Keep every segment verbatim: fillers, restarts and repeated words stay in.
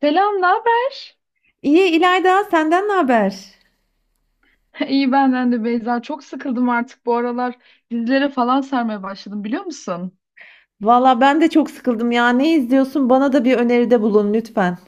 Selam, ne haber? İyi İlayda, senden ne haber? İyi benden de Beyza. Çok sıkıldım artık bu aralar. Dizilere falan sarmaya başladım biliyor musun? Valla ben de çok sıkıldım ya. Ne izliyorsun? Bana da bir öneride bulun lütfen.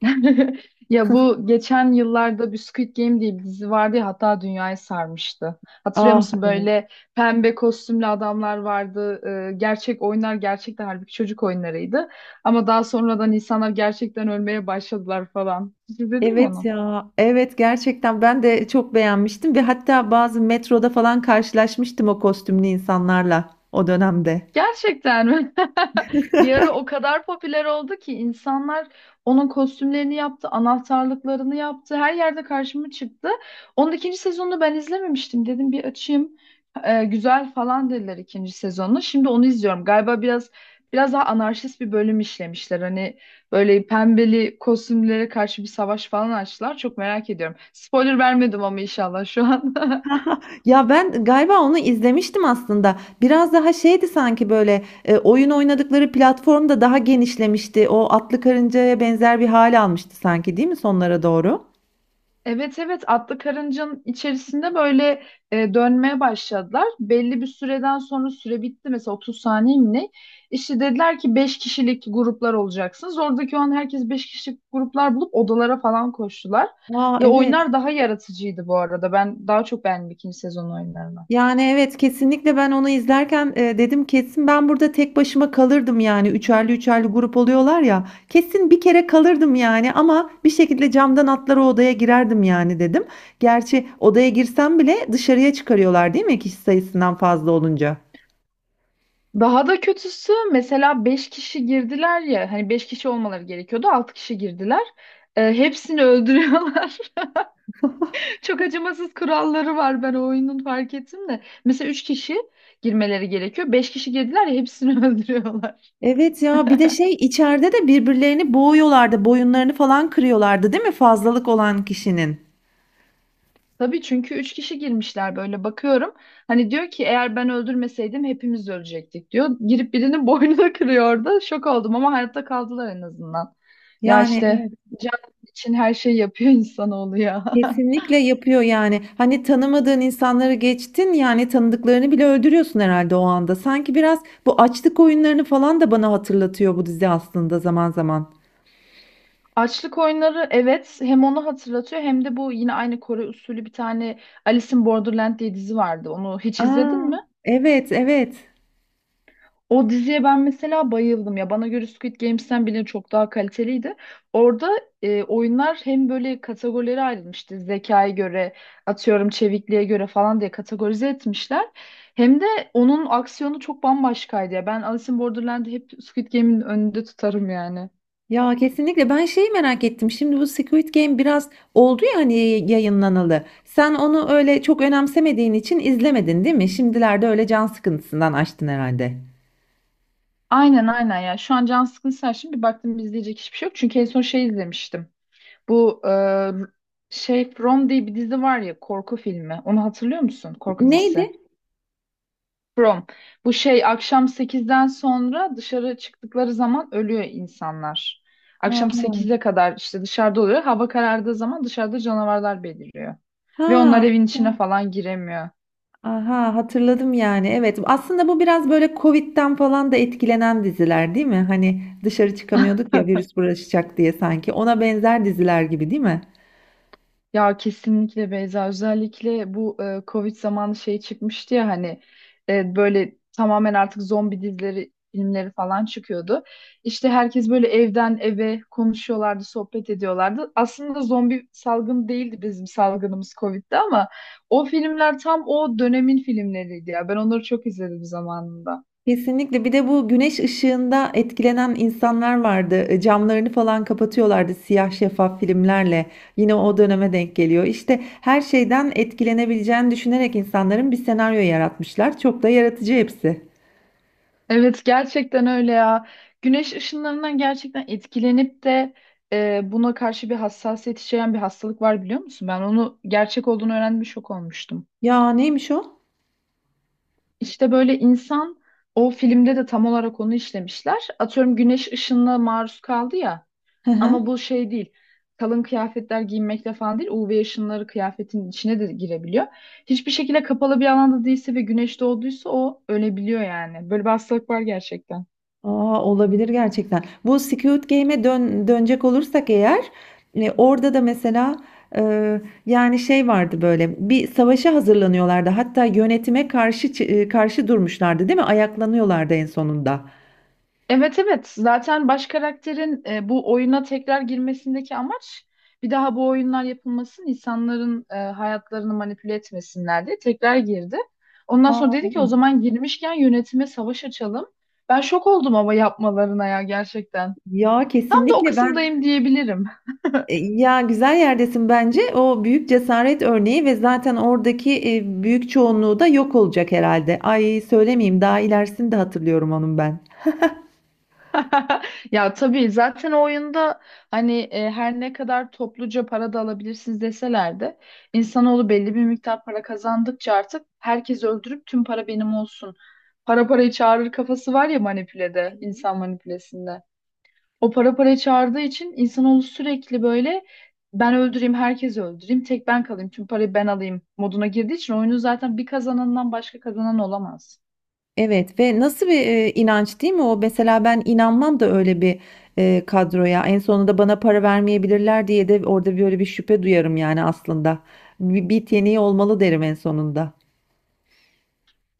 Ya bu geçen yıllarda bir Squid Game diye bir dizi vardı ya hatta dünyayı sarmıştı. Hatırlıyor Ah musun evet. böyle pembe kostümlü adamlar vardı. Ee, gerçek oyunlar gerçekten halbuki çocuk oyunlarıydı. Ama daha sonradan insanlar gerçekten ölmeye başladılar falan. Hiç izledin mi Evet onu? ya. Evet gerçekten ben de çok beğenmiştim ve hatta bazı metroda falan karşılaşmıştım o kostümlü insanlarla o dönemde. Gerçekten mi? Bir ara o kadar popüler oldu ki insanlar onun kostümlerini yaptı, anahtarlıklarını yaptı. Her yerde karşıma çıktı. Onun ikinci sezonunu ben izlememiştim. Dedim bir açayım. Ee, güzel falan dediler ikinci sezonunu. Şimdi onu izliyorum. Galiba biraz biraz daha anarşist bir bölüm işlemişler. Hani böyle pembeli kostümlere karşı bir savaş falan açtılar. Çok merak ediyorum. Spoiler vermedim ama inşallah şu an. Ya ben galiba onu izlemiştim aslında. Biraz daha şeydi sanki böyle e, oyun oynadıkları platform da daha genişlemişti. O atlı karıncaya benzer bir hal almıştı sanki değil mi sonlara doğru? Evet evet, atlı karıncanın içerisinde böyle e, dönmeye başladılar. Belli bir süreden sonra süre bitti mesela otuz saniye mi ne? İşte dediler ki beş kişilik gruplar olacaksınız. Oradaki o an herkes beş kişilik gruplar bulup odalara falan koştular. Aa Ya evet. oyunlar daha yaratıcıydı bu arada. Ben daha çok beğendim ikinci sezon oyunlarını. Yani evet kesinlikle ben onu izlerken, eee, dedim kesin ben burada tek başıma kalırdım yani üçerli üçerli grup oluyorlar ya, kesin bir kere kalırdım yani ama bir şekilde camdan atlar o odaya girerdim yani dedim. Gerçi odaya girsem bile dışarıya çıkarıyorlar değil mi kişi sayısından fazla olunca? Daha da kötüsü mesela beş kişi girdiler ya hani beş kişi olmaları gerekiyordu altı kişi girdiler. E, hepsini öldürüyorlar. Çok acımasız kuralları var ben o oyunun fark ettim de. Mesela üç kişi girmeleri gerekiyor. Beş kişi girdiler ya hepsini öldürüyorlar. Evet ya bir de şey içeride de birbirlerini boğuyorlardı, boyunlarını falan kırıyorlardı değil mi fazlalık olan kişinin? Tabii çünkü üç kişi girmişler böyle bakıyorum. Hani diyor ki eğer ben öldürmeseydim hepimiz ölecektik diyor. Girip birinin boynunu kırıyor orada. Şok oldum ama hayatta kaldılar en azından. Ya Yani işte evet. can için her şeyi yapıyor insanoğlu ya. Kesinlikle yapıyor yani. Hani tanımadığın insanları geçtin yani tanıdıklarını bile öldürüyorsun herhalde o anda. Sanki biraz bu açlık oyunlarını falan da bana hatırlatıyor bu dizi aslında zaman zaman. Açlık oyunları evet, hem onu hatırlatıyor hem de bu yine aynı Kore usulü bir tane Alice in Borderland diye dizi vardı. Onu hiç izledin Aa, mi? evet evet. O diziye ben mesela bayıldım ya. Bana göre Squid Games'ten bile çok daha kaliteliydi. Orada e, oyunlar hem böyle kategorilere ayrılmıştı. Zekaya göre, atıyorum çevikliğe göre falan diye kategorize etmişler. Hem de onun aksiyonu çok bambaşkaydı ya. Ben Alice in Borderland'i hep Squid Game'in önünde tutarım yani. Ya kesinlikle ben şeyi merak ettim. Şimdi bu Squid Game biraz oldu ya hani yayınlanalı. Sen onu öyle çok önemsemediğin için izlemedin değil mi? Şimdilerde öyle can sıkıntısından açtın herhalde. Aynen aynen ya. Şu an can sıkıntısı, şimdi bir baktım izleyecek hiçbir şey yok. Çünkü en son şey izlemiştim. Bu e, şey From diye bir dizi var ya, korku filmi. Onu hatırlıyor musun? Korku dizisi. Neydi? Prom. Bu şey akşam sekizden sonra dışarı çıktıkları zaman ölüyor insanlar. Akşam Aha. sekize kadar işte dışarıda oluyor. Hava karardığı zaman dışarıda canavarlar beliriyor. Ve onlar Ha. evin içine falan giremiyor. Aha hatırladım yani. Evet. Aslında bu biraz böyle Covid'den falan da etkilenen diziler değil mi? Hani dışarı çıkamıyorduk ya virüs bulaşacak diye sanki. Ona benzer diziler gibi değil mi? Ya kesinlikle Beyza, özellikle bu e, Covid zamanı şey çıkmıştı ya hani e, böyle tamamen artık zombi dizileri filmleri falan çıkıyordu. İşte herkes böyle evden eve konuşuyorlardı, sohbet ediyorlardı. Aslında zombi salgını değildi, bizim salgınımız Covid'di ama o filmler tam o dönemin filmleriydi ya. Ben onları çok izledim zamanında. Kesinlikle. Bir de bu güneş ışığında etkilenen insanlar vardı. E, camlarını falan kapatıyorlardı siyah şeffaf filmlerle. Yine o döneme denk geliyor. İşte her şeyden etkilenebileceğini düşünerek insanların bir senaryo yaratmışlar. Çok da yaratıcı hepsi. Evet gerçekten öyle ya. Güneş ışınlarından gerçekten etkilenip de e, buna karşı bir hassasiyet içeren bir hastalık var biliyor musun? Ben onu gerçek olduğunu öğrendim, şok olmuştum. Ya neymiş o? İşte böyle insan, o filmde de tam olarak onu işlemişler. Atıyorum güneş ışınına maruz kaldı ya, Hı hı. ama bu şey değil. Kalın kıyafetler giymekle falan değil. U V ışınları kıyafetin içine de girebiliyor. Hiçbir şekilde kapalı bir alanda değilse ve güneş doğduysa o ölebiliyor yani. Böyle bir hastalık var gerçekten. Aa, olabilir gerçekten. Bu Squid Game'e dön dönecek olursak eğer, e, orada da mesela, e, yani şey vardı, böyle bir savaşa hazırlanıyorlardı. Hatta yönetime karşı çı- e, karşı durmuşlardı, değil mi? Ayaklanıyorlardı en sonunda. Evet evet, zaten baş karakterin e, bu oyuna tekrar girmesindeki amaç bir daha bu oyunlar yapılmasın, insanların e, hayatlarını manipüle etmesinler diye tekrar girdi. Ondan sonra Aa dedi ki o evet. zaman girmişken yönetime savaş açalım. Ben şok oldum ama yapmalarına ya, gerçekten. Ya Tam da o kesinlikle ben, kısımdayım diyebilirim. e, ya güzel yerdesin bence. O büyük cesaret örneği ve zaten oradaki e, büyük çoğunluğu da yok olacak herhalde. Ay söylemeyeyim daha ilerisini de hatırlıyorum onun ben. Ya tabii zaten o oyunda hani e, her ne kadar topluca para da alabilirsiniz deseler de insanoğlu belli bir miktar para kazandıkça artık herkes öldürüp tüm para benim olsun. Para parayı çağırır kafası var ya, manipülede, insan manipülesinde. O para parayı çağırdığı için insanoğlu sürekli böyle ben öldüreyim, herkesi öldüreyim, tek ben kalayım, tüm parayı ben alayım moduna girdiği için oyunu zaten bir kazanandan başka kazanan olamaz. Evet ve nasıl bir e, inanç değil mi o? Mesela ben inanmam da öyle bir e, kadroya. En sonunda bana para vermeyebilirler diye de orada böyle bir şüphe duyarım yani aslında. Bir, bir yeteneği olmalı derim en sonunda.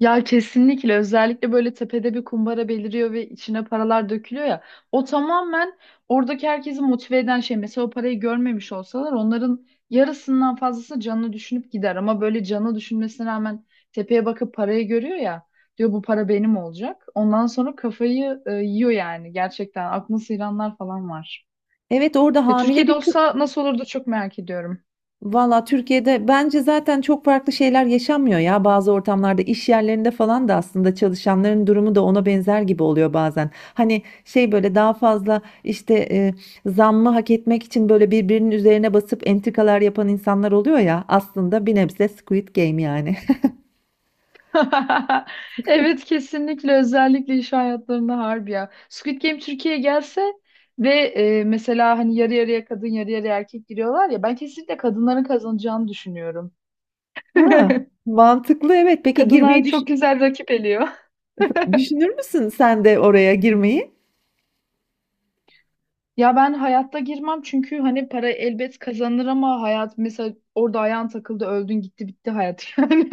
Ya kesinlikle, özellikle böyle tepede bir kumbara beliriyor ve içine paralar dökülüyor ya. O tamamen oradaki herkesi motive eden şey. Mesela o parayı görmemiş olsalar onların yarısından fazlası canını düşünüp gider. Ama böyle canı düşünmesine rağmen tepeye bakıp parayı görüyor ya. Diyor bu para benim olacak. Ondan sonra kafayı e, yiyor yani gerçekten. Aklını sıyıranlar falan var. Evet orada Ya hamile Türkiye'de bir kız. olsa nasıl olurdu çok merak ediyorum. Valla Türkiye'de bence zaten çok farklı şeyler yaşanmıyor ya. Bazı ortamlarda iş yerlerinde falan da aslında çalışanların durumu da ona benzer gibi oluyor bazen. Hani şey böyle daha fazla işte, e, zammı hak etmek için böyle birbirinin üzerine basıp entrikalar yapan insanlar oluyor ya. Aslında bir nebze Squid Game yani. Evet kesinlikle, özellikle iş hayatlarında harbi ya. Squid Game Türkiye'ye gelse ve e, mesela hani yarı yarıya kadın yarı yarıya erkek giriyorlar ya, ben kesinlikle kadınların kazanacağını düşünüyorum. Ha, mantıklı evet. Peki Kadınlar girmeyi düş- çok güzel rakip eliyor. düşünür müsün sen de oraya girmeyi? Ya ben hayatta girmem, çünkü hani para elbet kazanır ama hayat, mesela orada ayağın takıldı öldün gitti bitti hayat yani.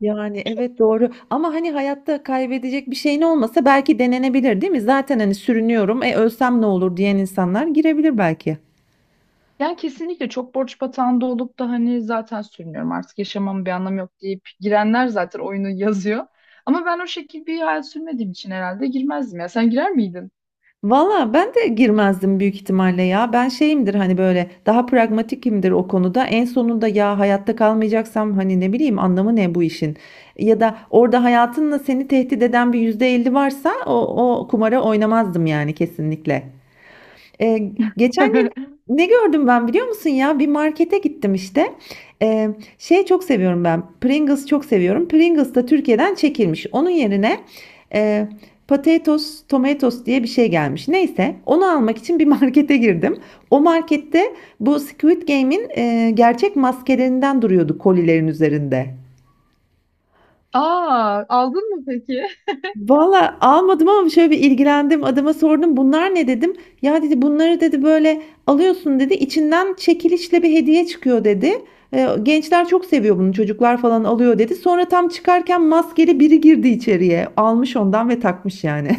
Yani evet doğru ama hani hayatta kaybedecek bir şeyin olmasa belki denenebilir değil mi? Zaten hani sürünüyorum, e ölsem ne olur diyen insanlar girebilir belki. Yani kesinlikle, çok borç batağında olup da hani zaten sürünüyorum artık yaşamamın bir anlamı yok deyip girenler zaten oyunu yazıyor. Ama ben o şekilde bir hayat sürmediğim için herhalde girmezdim ya. Sen girer miydin? Valla ben de girmezdim büyük ihtimalle ya. Ben şeyimdir hani böyle, daha pragmatikimdir o konuda. En sonunda ya hayatta kalmayacaksam hani ne bileyim, anlamı ne bu işin? Ya da orada hayatınla seni tehdit eden bir yüzde elli varsa o, o kumara oynamazdım yani kesinlikle. Ee, geçen gün ne gördüm ben biliyor musun ya? Bir markete gittim işte. Ee, şey çok seviyorum ben. Pringles çok seviyorum. Pringles da Türkiye'den çekilmiş. Onun yerine e, Potatoes, Tomatoes diye bir şey gelmiş. Neyse, onu almak için bir markete girdim. O markette bu Squid Game'in e, gerçek maskelerinden duruyordu kolilerin üzerinde. Aa, aldın mı peki? Valla almadım ama şöyle bir ilgilendim. Adama sordum, bunlar ne dedim. Ya dedi, bunları dedi böyle alıyorsun dedi. İçinden çekilişle bir hediye çıkıyor dedi. "E, gençler çok seviyor bunu, çocuklar falan alıyor dedi. Sonra tam çıkarken maskeli biri girdi içeriye. Almış ondan ve takmış yani.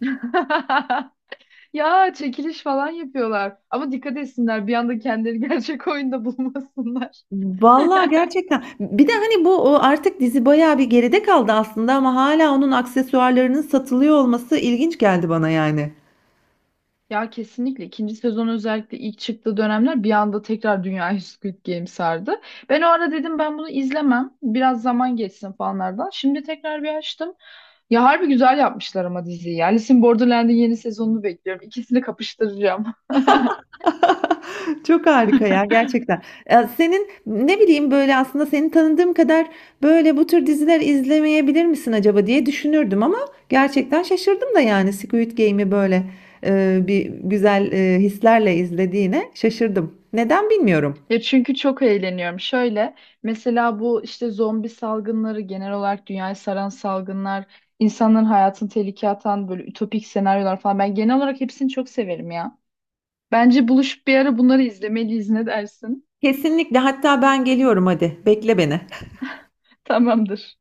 Ya çekiliş falan yapıyorlar. Ama dikkat etsinler bir anda kendileri gerçek oyunda bulmasınlar. Valla gerçekten. Bir de hani bu, o artık dizi bayağı bir geride kaldı aslında ama hala onun aksesuarlarının satılıyor olması ilginç geldi bana yani. Ya kesinlikle ikinci sezon, özellikle ilk çıktığı dönemler bir anda tekrar dünyayı Squid Game sardı. Ben o ara dedim ben bunu izlemem. Biraz zaman geçsin falanlardan. Şimdi tekrar bir açtım. Ya harbi güzel yapmışlar ama diziyi. Ya Alice in Borderland'in yeni sezonunu bekliyorum. İkisini kapıştıracağım. Çok harika ya gerçekten. Ya senin ne bileyim, böyle aslında seni tanıdığım kadar böyle bu tür diziler izlemeyebilir misin acaba diye düşünürdüm, ama gerçekten şaşırdım da yani Squid Game'i böyle e, bir güzel e, hislerle izlediğine şaşırdım. Neden bilmiyorum. Ya çünkü çok eğleniyorum. Şöyle, mesela bu işte zombi salgınları, genel olarak dünyayı saran salgınlar, insanların hayatını tehlikeye atan böyle ütopik senaryolar falan. Ben genel olarak hepsini çok severim ya. Bence buluşup bir ara bunları izlemeliyiz, ne dersin? Kesinlikle, hatta ben geliyorum, hadi bekle beni. Tamamdır.